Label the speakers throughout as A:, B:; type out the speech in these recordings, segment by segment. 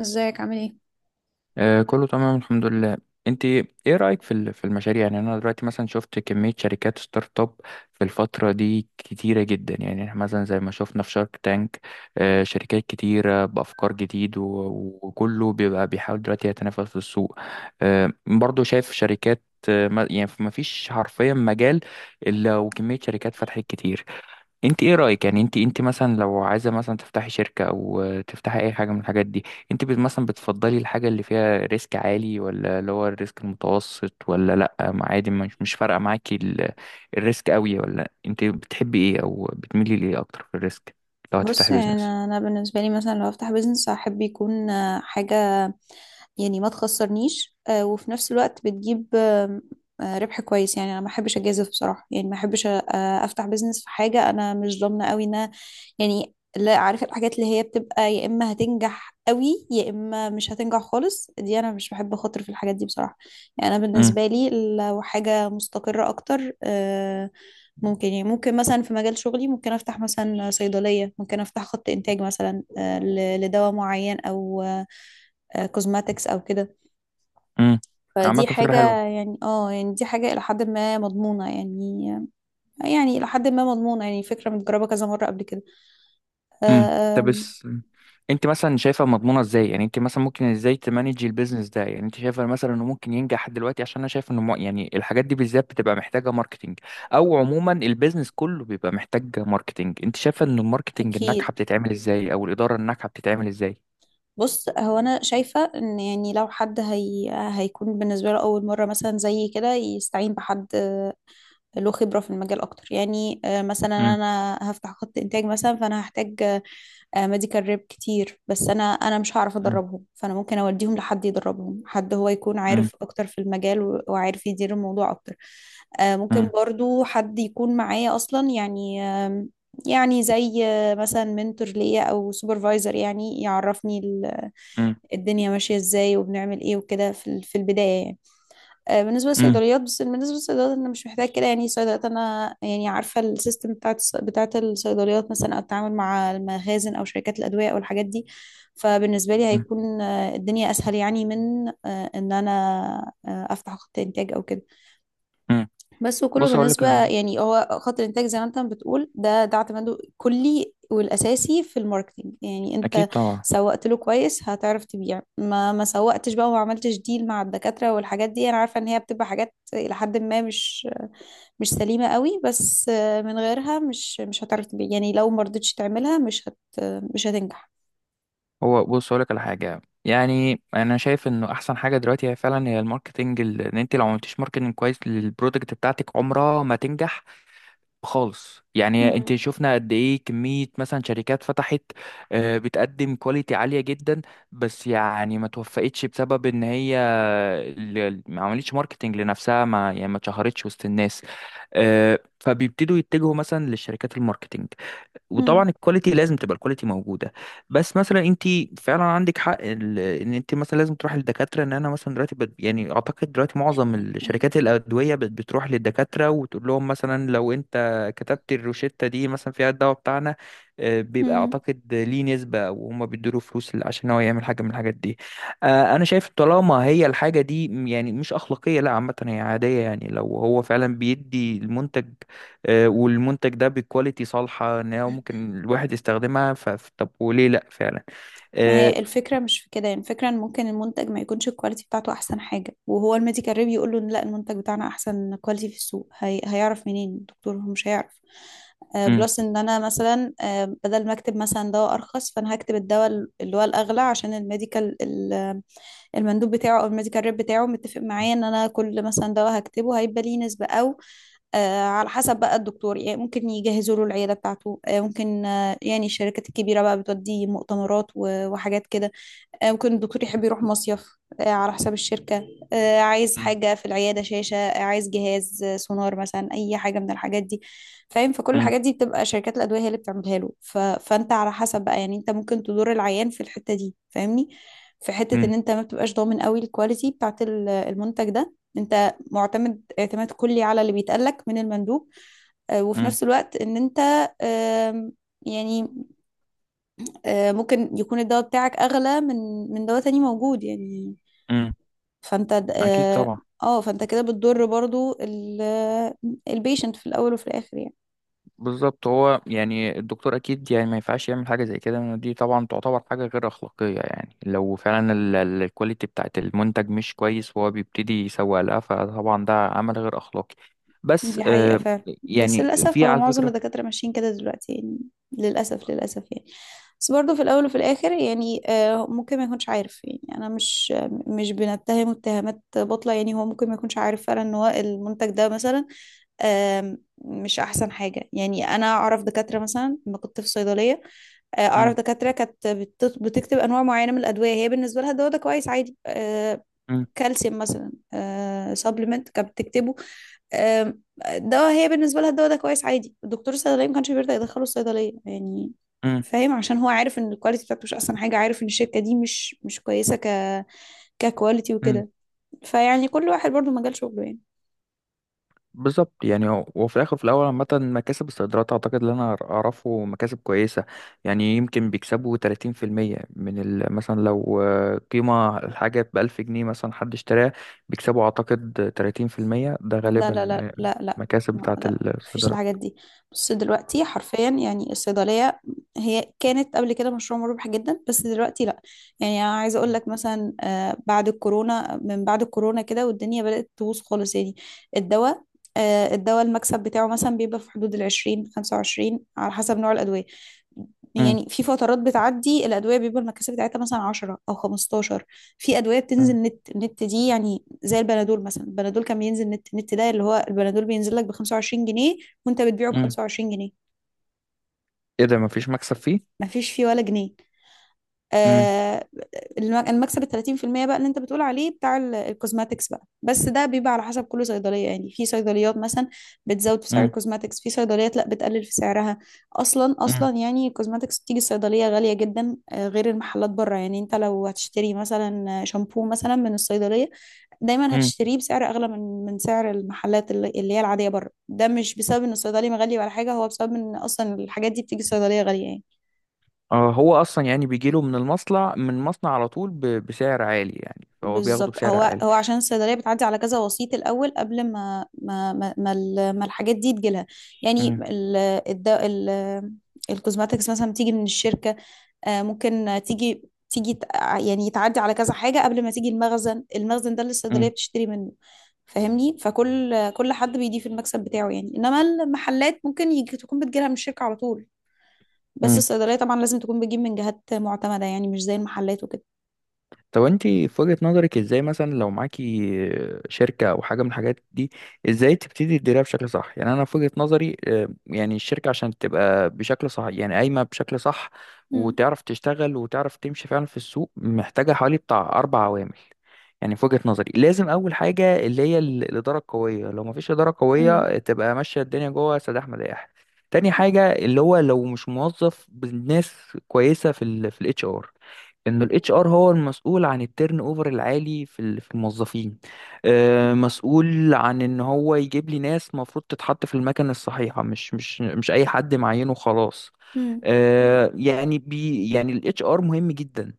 A: ازيك عامل ايه؟
B: آه، كله تمام الحمد لله. انت ايه رأيك في في المشاريع؟ يعني انا دلوقتي مثلا شفت كمية شركات ستارت اب في الفترة دي كتيرة جدا. يعني احنا مثلا زي ما شفنا في شارك تانك، آه شركات كتيرة بأفكار جديد و- وكله بيبقى بيحاول دلوقتي يتنافس في السوق. برضو شايف شركات، يعني ما فيش حرفيا مجال الا وكمية شركات فتحت كتير. انت ايه رأيك؟ يعني انت مثلا لو عايزة مثلا تفتحي شركة او تفتحي اي حاجة من الحاجات دي، انت مثلا بتفضلي الحاجة اللي فيها ريسك عالي، ولا اللي هو الريسك المتوسط، ولا لا ما عادي مش فارقة معاكي الريسك قوي؟ ولا انت بتحبي ايه او بتميلي لايه اكتر في الريسك لو
A: بص
B: هتفتحي
A: يعني
B: بيزنس؟
A: انا بالنسبه لي مثلا لو افتح بيزنس هحب يكون حاجه يعني ما تخسرنيش، وفي نفس الوقت بتجيب آم، آه، ربح كويس. يعني انا ما احبش اجازف بصراحه، يعني ما احبش افتح بيزنس في حاجه انا مش ضامنه قوي انها، يعني لا عارفه الحاجات اللي هي بتبقى يا اما هتنجح قوي يا اما مش هتنجح خالص، دي انا مش بحب اخاطر في الحاجات دي بصراحه. يعني انا
B: امم.
A: بالنسبه لي لو حاجه مستقره اكتر، ممكن، يعني ممكن مثلا في مجال شغلي ممكن افتح مثلا صيدليه، ممكن افتح خط انتاج مثلا، لدواء معين، او كوزماتكس او كده.
B: امم. عامة
A: فدي
B: فكرة
A: حاجة،
B: حلوة.
A: يعني اه يعني دي حاجة الى حد ما مضمونة يعني، يعني الى حد ما مضمونة، يعني فكرة متجربة كذا مرة قبل كده.
B: امم.
A: آه،
B: ده
A: آم،
B: بس، انت مثلا شايفه مضمونه ازاي؟ يعني انت مثلا ممكن ازاي تمانجي البيزنس ده؟ يعني انت شايفه مثلا انه ممكن ينجح دلوقتي؟ عشان انا شايف انه يعني الحاجات دي بالذات بتبقى محتاجه ماركتينج، او عموما البيزنس كله بيبقى محتاج ماركتينج. انت شايفه ان الماركتينج الناجحه
A: اكيد.
B: بتتعمل ازاي؟ او الاداره الناجحه بتتعمل ازاي؟
A: بص، هو انا شايفة ان يعني لو حد هي هيكون بالنسبة له اول مرة مثلا زي كده، يستعين بحد له خبرة في المجال أكتر. يعني مثلا
B: امم.
A: أنا هفتح خط إنتاج مثلا، فأنا هحتاج ميديكال ريب كتير، بس أنا مش هعرف
B: امم.
A: أدربهم، فأنا ممكن أوديهم لحد يدربهم، حد هو يكون عارف أكتر في المجال وعارف يدير الموضوع أكتر. ممكن
B: امم.
A: برضو حد يكون معايا أصلا، يعني يعني زي مثلا منتور ليا أو سوبرفايزر، يعني يعرفني
B: امم.
A: الدنيا ماشية إزاي وبنعمل إيه وكده في في البداية يعني. بالنسبة
B: امم.
A: للصيدليات، بس بالنسبة للصيدليات أنا مش محتاج كده، يعني الصيدليات أنا يعني عارفة السيستم بتاعت الصيدليات مثلا، أو التعامل مع المخازن أو شركات الأدوية أو الحاجات دي. فبالنسبة لي هيكون الدنيا أسهل، يعني من إن أنا أفتح خط إنتاج أو كده.
B: امم.
A: بس وكله
B: بص اقول لك
A: بالنسبة،
B: على حاجه.
A: يعني هو خط الإنتاج زي ما أنت بتقول، ده اعتماده كلي والأساسي في الماركتينج، يعني
B: اكيد
A: أنت
B: طبعا.
A: سوقت له كويس هتعرف تبيع، ما سوقتش بقى وما عملتش ديل مع الدكاترة والحاجات دي. أنا عارفة إن هي بتبقى حاجات إلى حد ما مش سليمة قوي، بس من غيرها مش هتعرف تبيع، يعني لو ما رضيتش تعملها مش هتنجح.
B: هو بص اقول لك على حاجه، يعني انا شايف انه احسن حاجه دلوقتي هي فعلا هي الماركتنج. ان انت لو ما عملتيش ماركتنج كويس للبرودكت بتاعتك عمرها ما تنجح خالص. يعني
A: مم.
B: انت شفنا قد ايه كميه مثلا شركات فتحت، بتقدم كواليتي عاليه جدا، بس يعني ما توفقتش بسبب ان هي ما عملتش ماركتنج لنفسها، ما يعني ما اتشهرتش وسط الناس. فبيبتدوا يتجهوا مثلا للشركات الماركتنج،
A: مم.
B: وطبعا الكواليتي لازم تبقى الكواليتي موجوده. بس مثلا انت فعلا عندك حق ان انت مثلا لازم تروح للدكاتره. ان انا مثلا دلوقتي يعني اعتقد دلوقتي معظم الشركات الادويه بتروح للدكاتره وتقول لهم مثلا: لو انت كتبت الروشته دي مثلا فيها الدواء بتاعنا، بيبقى اعتقد ليه نسبه، وهم بيدوا له فلوس عشان هو يعمل حاجه من الحاجات دي. انا شايف طالما هي الحاجه دي يعني مش اخلاقيه، لا عامه هي عاديه. يعني لو هو فعلا بيدي المنتج، والمنتج ده بكواليتي صالحة ان هو
A: مم.
B: ممكن الواحد يستخدمها، طب وليه لا فعلا.
A: ما هي
B: آه،
A: الفكرة مش في كده، يعني الفكرة ان ممكن المنتج ما يكونش الكواليتي بتاعته احسن حاجة، وهو الميديكال ريب يقول له إن لا المنتج بتاعنا احسن كواليتي في السوق. هي هيعرف منين الدكتور؟ هو مش هيعرف.
B: مم،
A: بلس ان انا مثلا بدل ما اكتب مثلا دواء ارخص، فانا هكتب الدواء اللي هو الاغلى، عشان المندوب بتاعه او الميديكال ريب بتاعه متفق
B: مم،
A: معايا ان انا كل مثلا دواء هكتبه هيبقى ليه نسبة، او على حسب بقى الدكتور. يعني ممكن يجهزوا له العيادة بتاعته، ممكن، يعني الشركات الكبيرة بقى بتودي مؤتمرات وحاجات كده. ممكن الدكتور يحب يروح مصيف على حساب الشركة. عايز
B: مم،
A: حاجة في العيادة، شاشة، عايز جهاز، سونار مثلا، أي حاجة من الحاجات دي. فاهم؟ فكل
B: مم،
A: الحاجات دي بتبقى شركات الأدوية هي اللي بتعملها له، ف... فأنت على حسب بقى. يعني أنت ممكن تدور العيان في الحتة دي، فاهمني؟ في حتة
B: مم،
A: إن أنت ما بتبقاش ضامن قوي الكواليتي المنتج ده، أنت معتمد اعتماد كلي على اللي بيتقالك من المندوب. وفي
B: مم،
A: نفس الوقت إن أنت آم، يعني ممكن يكون الدواء بتاعك اغلى من دواء تاني موجود يعني.
B: مم. اكيد
A: اه
B: طبعا.
A: فانت كده بتضر برضو البيشنت في الاول وفي الاخر يعني.
B: بالظبط. هو يعني الدكتور اكيد يعني ما ينفعش يعمل حاجة زي كده، لأن دي طبعا تعتبر حاجة غير اخلاقية. يعني لو فعلا الكواليتي بتاعت المنتج مش كويس وهو بيبتدي يسوق لها، فطبعا ده عمل غير اخلاقي. بس
A: دي حقيقة فعلا. بس
B: يعني
A: للأسف
B: في
A: هو
B: على
A: معظم
B: فكرة.
A: الدكاترة ماشيين كده دلوقتي يعني، للأسف، للأسف يعني. بس برضه في الأول وفي الآخر يعني، ممكن ما يكونش عارف. يعني أنا مش مش بنتهمه اتهامات باطلة، يعني هو ممكن ما يكونش عارف فعلا إن هو المنتج ده مثلا مش أحسن حاجة. يعني أنا أعرف دكاترة مثلا لما كنت في صيدلية،
B: مم،
A: أعرف دكاترة كانت بتكتب أنواع معينة من الأدوية هي بالنسبة لها الدواء ده كويس عادي. كالسيوم مثلا، سبلمنت كانت بتكتبه. آم، دواء هي بالنسبة لها الدواء ده كويس عادي، الدكتور الصيدلية ما كانش بيرضى يدخله الصيدلية يعني.
B: مم،
A: فاهم؟ عشان هو عارف ان الكواليتي بتاعته مش احسن حاجة، عارف ان الشركة دي مش كويسة ككواليتي
B: مم.
A: وكده. فيعني كل واحد برضو مجال شغله يعني.
B: بالظبط. يعني هو في الاخر في الاول عامه مكاسب الصادرات، اعتقد اللي انا اعرفه مكاسب كويسه. يعني يمكن بيكسبوا 30% من مثلا لو، قيمه الحاجه ب 1000 جنيه مثلا حد اشتراها، بيكسبوا اعتقد 30%، ده
A: لا لا
B: غالبا
A: لا لا لا
B: مكاسب بتاعه
A: لا مفيش الحاجات
B: الصادرات.
A: دي. بص دلوقتي حرفيا يعني الصيدلية هي كانت قبل كده مشروع مربح جدا، بس دلوقتي لا. يعني أنا عايزة أقول
B: مم.
A: لك مثلا، بعد الكورونا، من بعد الكورونا كده والدنيا بدأت تبوظ خالص يعني. الدواء، الدواء المكسب بتاعه مثلا بيبقى في حدود العشرين، خمسة وعشرين على حسب نوع الأدوية.
B: امم.
A: يعني في فترات بتعدي الأدوية بيبقى المكاسب بتاعتها مثلا عشرة أو خمستاشر. في أدوية بتنزل
B: امم.
A: نت، النت دي يعني زي البنادول مثلا، البنادول كان بينزل نت نت، ده اللي هو البنادول بينزل لك ب 25 جنيه وانت بتبيعه ب
B: امم.
A: 25 جنيه،
B: ايه ده؟ مفيش مكسب فيه؟
A: ما فيش فيه ولا جنيه.
B: امم.
A: آه، المكسب ال 30% بقى اللي انت بتقول عليه بتاع الكوزماتكس بقى، بس ده بيبقى على حسب كل صيدليه. يعني في صيدليات مثلا بتزود في سعر
B: امم.
A: الكوزماتكس، في صيدليات لا بتقلل في سعرها. اصلا
B: امم.
A: اصلا يعني الكوزماتكس بتيجي الصيدليه غاليه جدا، غير المحلات بره. يعني انت لو هتشتري مثلا شامبو مثلا من الصيدليه، دايما
B: امم.
A: هتشتريه بسعر اغلى من سعر المحلات اللي هي العاديه بره. ده مش بسبب ان الصيدلي مغلي ولا حاجه، هو بسبب ان اصلا الحاجات دي بتيجي الصيدليه غاليه يعني.
B: آه، هو اصلا يعني بيجيله من المصنع، من المصنع على طول بسعر عالي، يعني فهو بياخده
A: بالظبط،
B: بسعر
A: هو
B: عالي.
A: هو عشان الصيدليه بتعدي على كذا وسيط الاول قبل ما ما الحاجات دي تجيلها. يعني
B: امم.
A: ال الدواء ال الكوزماتكس مثلا بتيجي من الشركه، ممكن تيجي، يعني تعدي على كذا حاجه قبل ما تيجي المخزن، المخزن ده اللي الصيدليه بتشتري منه. فاهمني؟ فكل حد بيضيف المكسب بتاعه يعني، انما المحلات ممكن يجي تكون بتجيلها من الشركه على طول. بس
B: امم.
A: الصيدليه طبعا لازم تكون بتجيب من جهات معتمده، يعني مش زي المحلات وكده.
B: طب انت في وجهة نظرك ازاي، مثلا لو معاكي شركة او حاجة من الحاجات دي، ازاي تبتدي تديرها بشكل صح؟ يعني انا في وجهة نظري يعني الشركة عشان تبقى بشكل صح، يعني قايمة بشكل صح
A: امم.
B: وتعرف تشتغل وتعرف تمشي فعلا في السوق، محتاجة حوالي بتاع اربع عوامل. يعني في وجهة نظري لازم اول حاجة اللي هي الادارة القوية. لو مفيش ادارة قوية تبقى ماشية الدنيا جوه سداح مداح. تاني حاجة اللي هو لو مش موظف بالناس كويسة في ال في الاتش ار. انه الاتش ار هو المسؤول عن التيرن اوفر العالي في في الموظفين. مسؤول عن ان هو يجيب لي ناس مفروض تتحط في المكان الصحيحه، مش اي حد معينه خلاص.
A: امم.
B: يعني يعني الاتش ار مهم جدا،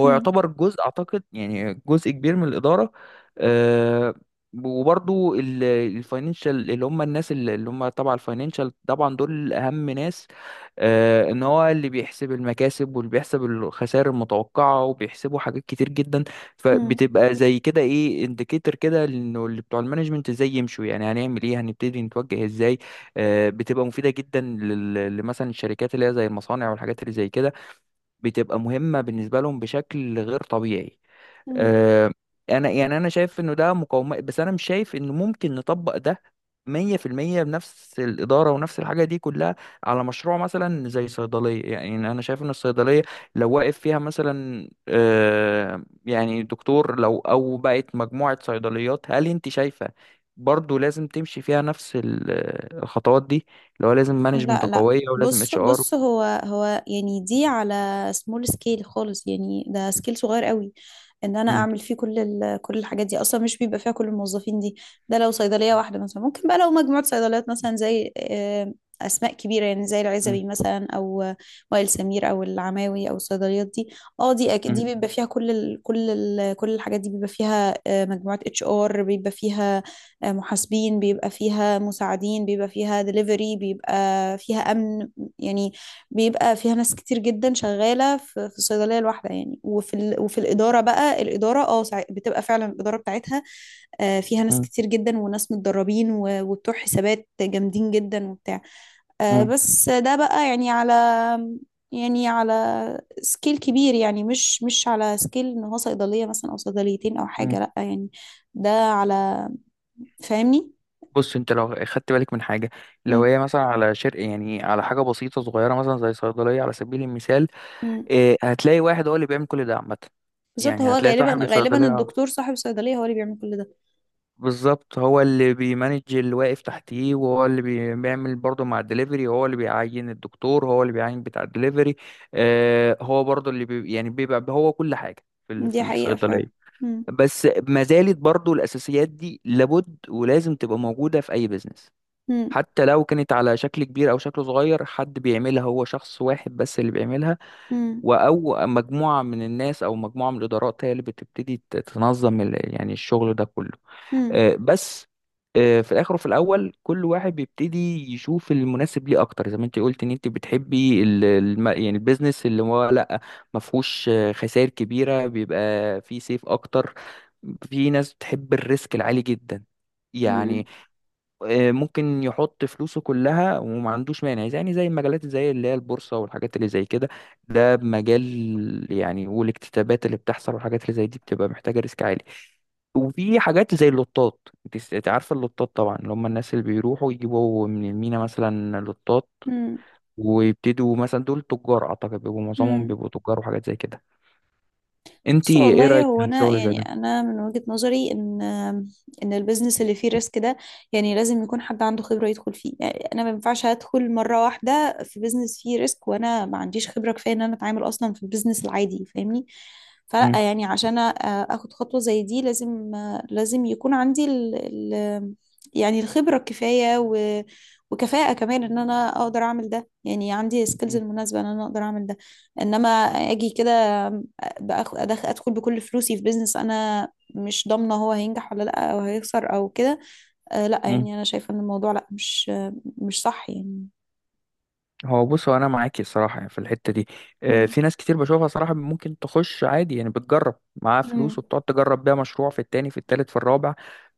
B: هو
A: مم.
B: يعتبر جزء، اعتقد يعني جزء كبير من الاداره. آه، وبرضو الفاينانشال، اللي هم الناس اللي هم تبع الفاينانشال، طبعا دول اهم ناس. ان هو اللي بيحسب المكاسب واللي بيحسب الخسائر المتوقعه، وبيحسبوا حاجات كتير جدا.
A: مم.
B: فبتبقى زي كده ايه، انديكيتور كده انه اللي بتوع المانجمنت ازاي يمشوا، يعني هنعمل ايه، هنبتدي نتوجه ازاي. بتبقى مفيده جدا لل- لمثلا الشركات اللي هي زي المصانع والحاجات اللي زي كده، بتبقى مهمة بالنسبة لهم بشكل غير طبيعي.
A: مم.
B: آه، انا يعني انا شايف انه ده مقاومة، بس انا مش شايف انه ممكن نطبق ده 100% بنفس الإدارة ونفس الحاجة دي كلها على مشروع مثلا زي صيدلية. يعني أنا شايف إن الصيدلية لو واقف فيها مثلا، يعني دكتور، لو أو بقت مجموعة صيدليات، هل أنت شايفة برضو لازم تمشي فيها نفس الخطوات دي، اللي هو لازم مانجمنت
A: لا.
B: قوية ولازم
A: بص،
B: اتش ار؟
A: بص هو هو يعني دي على سمول سكيل خالص، يعني ده سكيل صغير قوي ان انا اعمل فيه كل الحاجات دي، اصلا مش بيبقى فيها كل الموظفين دي. ده لو صيدليه واحده مثلا. ممكن بقى لو مجموعه صيدليات، مثلا زي اسماء كبيره يعني زي العزبي مثلا، او وائل سمير او العماوي او الصيدليات دي. اه دي دي بيبقى فيها كل الحاجات دي، بيبقى فيها مجموعه اتش ار، بيبقى فيها محاسبين، بيبقى فيها مساعدين، بيبقى فيها دليفري، بيبقى فيها أمن. يعني بيبقى فيها ناس كتير جدا شغالة في الصيدلية الواحدة يعني. وفي الإدارة بقى، الإدارة، بتبقى فعلا الإدارة بتاعتها فيها ناس
B: مم.
A: كتير جدا وناس متدربين وبتوع حسابات جامدين جدا وبتاع.
B: مم.
A: بس ده بقى يعني على، يعني على سكيل كبير، يعني مش على سكيل ان هو صيدلية مثلا او صيدليتين او حاجة،
B: مم.
A: لا يعني. ده على، فاهمني؟
B: بص، انت لو خدت بالك من حاجه، لو
A: مم.
B: هي مثلا على شرق، يعني على حاجه بسيطه صغيره مثلا زي صيدليه على سبيل المثال،
A: مم.
B: اه، هتلاقي واحد هو اللي بيعمل كل ده عامه.
A: بالظبط. هو
B: يعني هتلاقي صاحب
A: غالبا غالبا
B: الصيدليه
A: الدكتور صاحب الصيدلية هو اللي بيعمل كل ده.
B: بالظبط هو اللي بيمانج اللي واقف تحتيه، وهو اللي بيعمل برضه مع الدليفري، هو اللي بيعين الدكتور، هو اللي بيعين بتاع الدليفري. اه، هو برضه اللي يعني بيبقى هو كل حاجه في في
A: دي حقيقة
B: الصيدليه.
A: فعلا. مم.
B: بس ما زالت برضه الاساسيات دي لابد ولازم تبقى موجوده في اي بزنس،
A: مم.
B: حتى لو كانت على شكل كبير او شكل صغير. حد بيعملها هو شخص واحد بس اللي بيعملها،
A: مم.
B: او مجموعه من الناس او مجموعه من الادارات هي اللي بتبتدي تنظم يعني الشغل ده كله. بس في الاخر وفي الاول كل واحد بيبتدي يشوف المناسب ليه اكتر. زي ما انت قلت ان انت بتحبي يعني البيزنس اللي هو لا ما فيهوش خسائر كبيره، بيبقى فيه سيف اكتر. في ناس بتحب الريسك العالي جدا،
A: مم.
B: يعني ممكن يحط فلوسه كلها وما عندوش مانع، يعني زي المجالات زي اللي هي البورصة والحاجات اللي زي كده. ده مجال يعني، والاكتتابات اللي بتحصل والحاجات اللي زي دي بتبقى محتاجة ريسك عالي. وفي حاجات زي اللوتات، انت عارفة اللوتات طبعا، اللي هم الناس اللي بيروحوا يجيبوا من المينا مثلا لوتات
A: مم.
B: ويبتدوا مثلا. دول تجار اعتقد، بيبقوا معظمهم
A: مم.
B: بيبقوا تجار وحاجات زي كده. انت
A: بص
B: ايه
A: والله،
B: رأيك في
A: هو انا
B: الشغل زي
A: يعني
B: ده؟
A: انا من وجهة نظري ان البيزنس اللي فيه ريسك ده يعني لازم يكون حد عنده خبرة يدخل فيه. يعني انا ما ينفعش ادخل مرة واحدة في بيزنس فيه ريسك وانا ما عنديش خبرة كفاية ان انا اتعامل اصلا في البيزنس العادي. فاهمني؟ فلا،
B: مم.
A: يعني عشان اخد خطوة زي دي لازم، لازم يكون عندي ال ال يعني الخبرة الكفاية، وكفاءة كمان ان انا اقدر اعمل ده، يعني عندي سكيلز المناسبة ان انا اقدر اعمل ده. انما اجي كده ادخل بكل فلوسي في بيزنس انا مش ضامنه هو هينجح ولا لا، او هيخسر او كده. آه لا،
B: مم.
A: يعني انا شايفه ان الموضوع لا، مش صح يعني.
B: هو بص، هو انا معاكي الصراحه يعني في الحته دي.
A: مم.
B: في ناس كتير بشوفها صراحه ممكن تخش عادي، يعني بتجرب معاها فلوس
A: مم.
B: وبتقعد تجرب بيها مشروع في التاني، في التالت، في الرابع،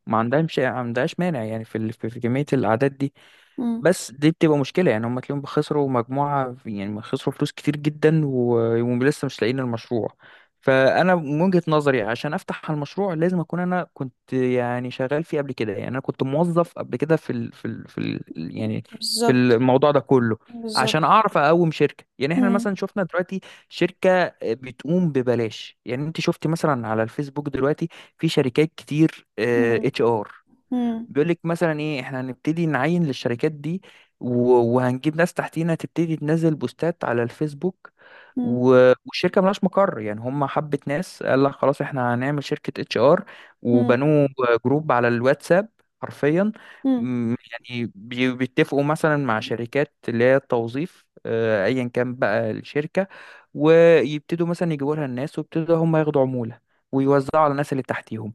B: ما عندهاش مانع يعني في في كميه الاعداد دي.
A: مم.
B: بس دي بتبقى مشكلة، يعني هم تلاقيهم خسروا مجموعة، يعني خسروا فلوس كتير جدا، و- ولسه مش لاقيين المشروع. فأنا من وجهة نظري عشان أفتح المشروع لازم أكون أنا كنت يعني شغال فيه قبل كده، يعني أنا كنت موظف قبل كده في ال في ال في ال يعني في
A: بالظبط.
B: الموضوع ده كله، عشان
A: بالظبط.
B: أعرف أقوم شركة. يعني إحنا
A: مم.
B: مثلا شفنا دلوقتي شركة بتقوم ببلاش، يعني أنت شفت مثلا على الفيسبوك دلوقتي في شركات كتير
A: مم.
B: اتش ار
A: مم.
B: بيقول لك مثلا: ايه، احنا هنبتدي نعين للشركات دي، و- وهنجيب ناس تحتينا تبتدي تنزل بوستات على الفيسبوك،
A: مم.
B: و- والشركه ملهاش مقر. يعني هم حبه ناس قال لك خلاص، احنا هنعمل شركه اتش ار،
A: مم.
B: وبنوه جروب على الواتساب حرفيا.
A: مم.
B: يعني بيتفقوا مثلا مع شركات اللي هي التوظيف، ايا كان بقى الشركه، ويبتدوا مثلا يجيبوا لها الناس، ويبتدوا هم ياخدوا عموله ويوزعوا على الناس اللي تحتيهم.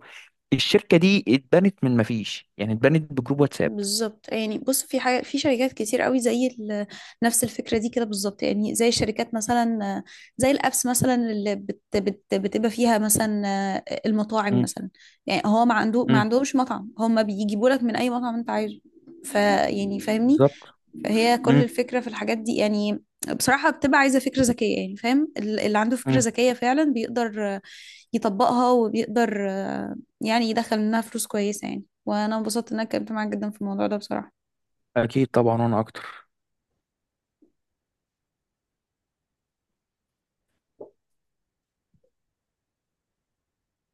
B: الشركه دي اتبنت من ما فيش، يعني اتبنت بجروب واتساب.
A: بالظبط. يعني بص، في حاجة، في شركات كتير قوي نفس الفكرة دي كده بالظبط، يعني زي الشركات مثلا، زي الأبس مثلا اللي بت بت بتبقى فيها مثلا المطاعم
B: امم.
A: مثلا. يعني هو ما
B: امم.
A: عندهمش مطعم، هم بيجيبوا لك من أي مطعم أنت عايزه. فيعني فاهمني؟
B: بالظبط.
A: فهي كل
B: امم.
A: الفكرة في الحاجات دي يعني، بصراحة بتبقى عايزة فكرة ذكية. يعني فاهم اللي عنده فكرة
B: امم.
A: ذكية فعلا بيقدر يطبقها، وبيقدر يعني يدخل منها فلوس كويسة يعني. وأنا انبسطت إن أنا اتكلمت معاك جدا في الموضوع ده بصراحة.
B: اكيد طبعا، وانا اكتر.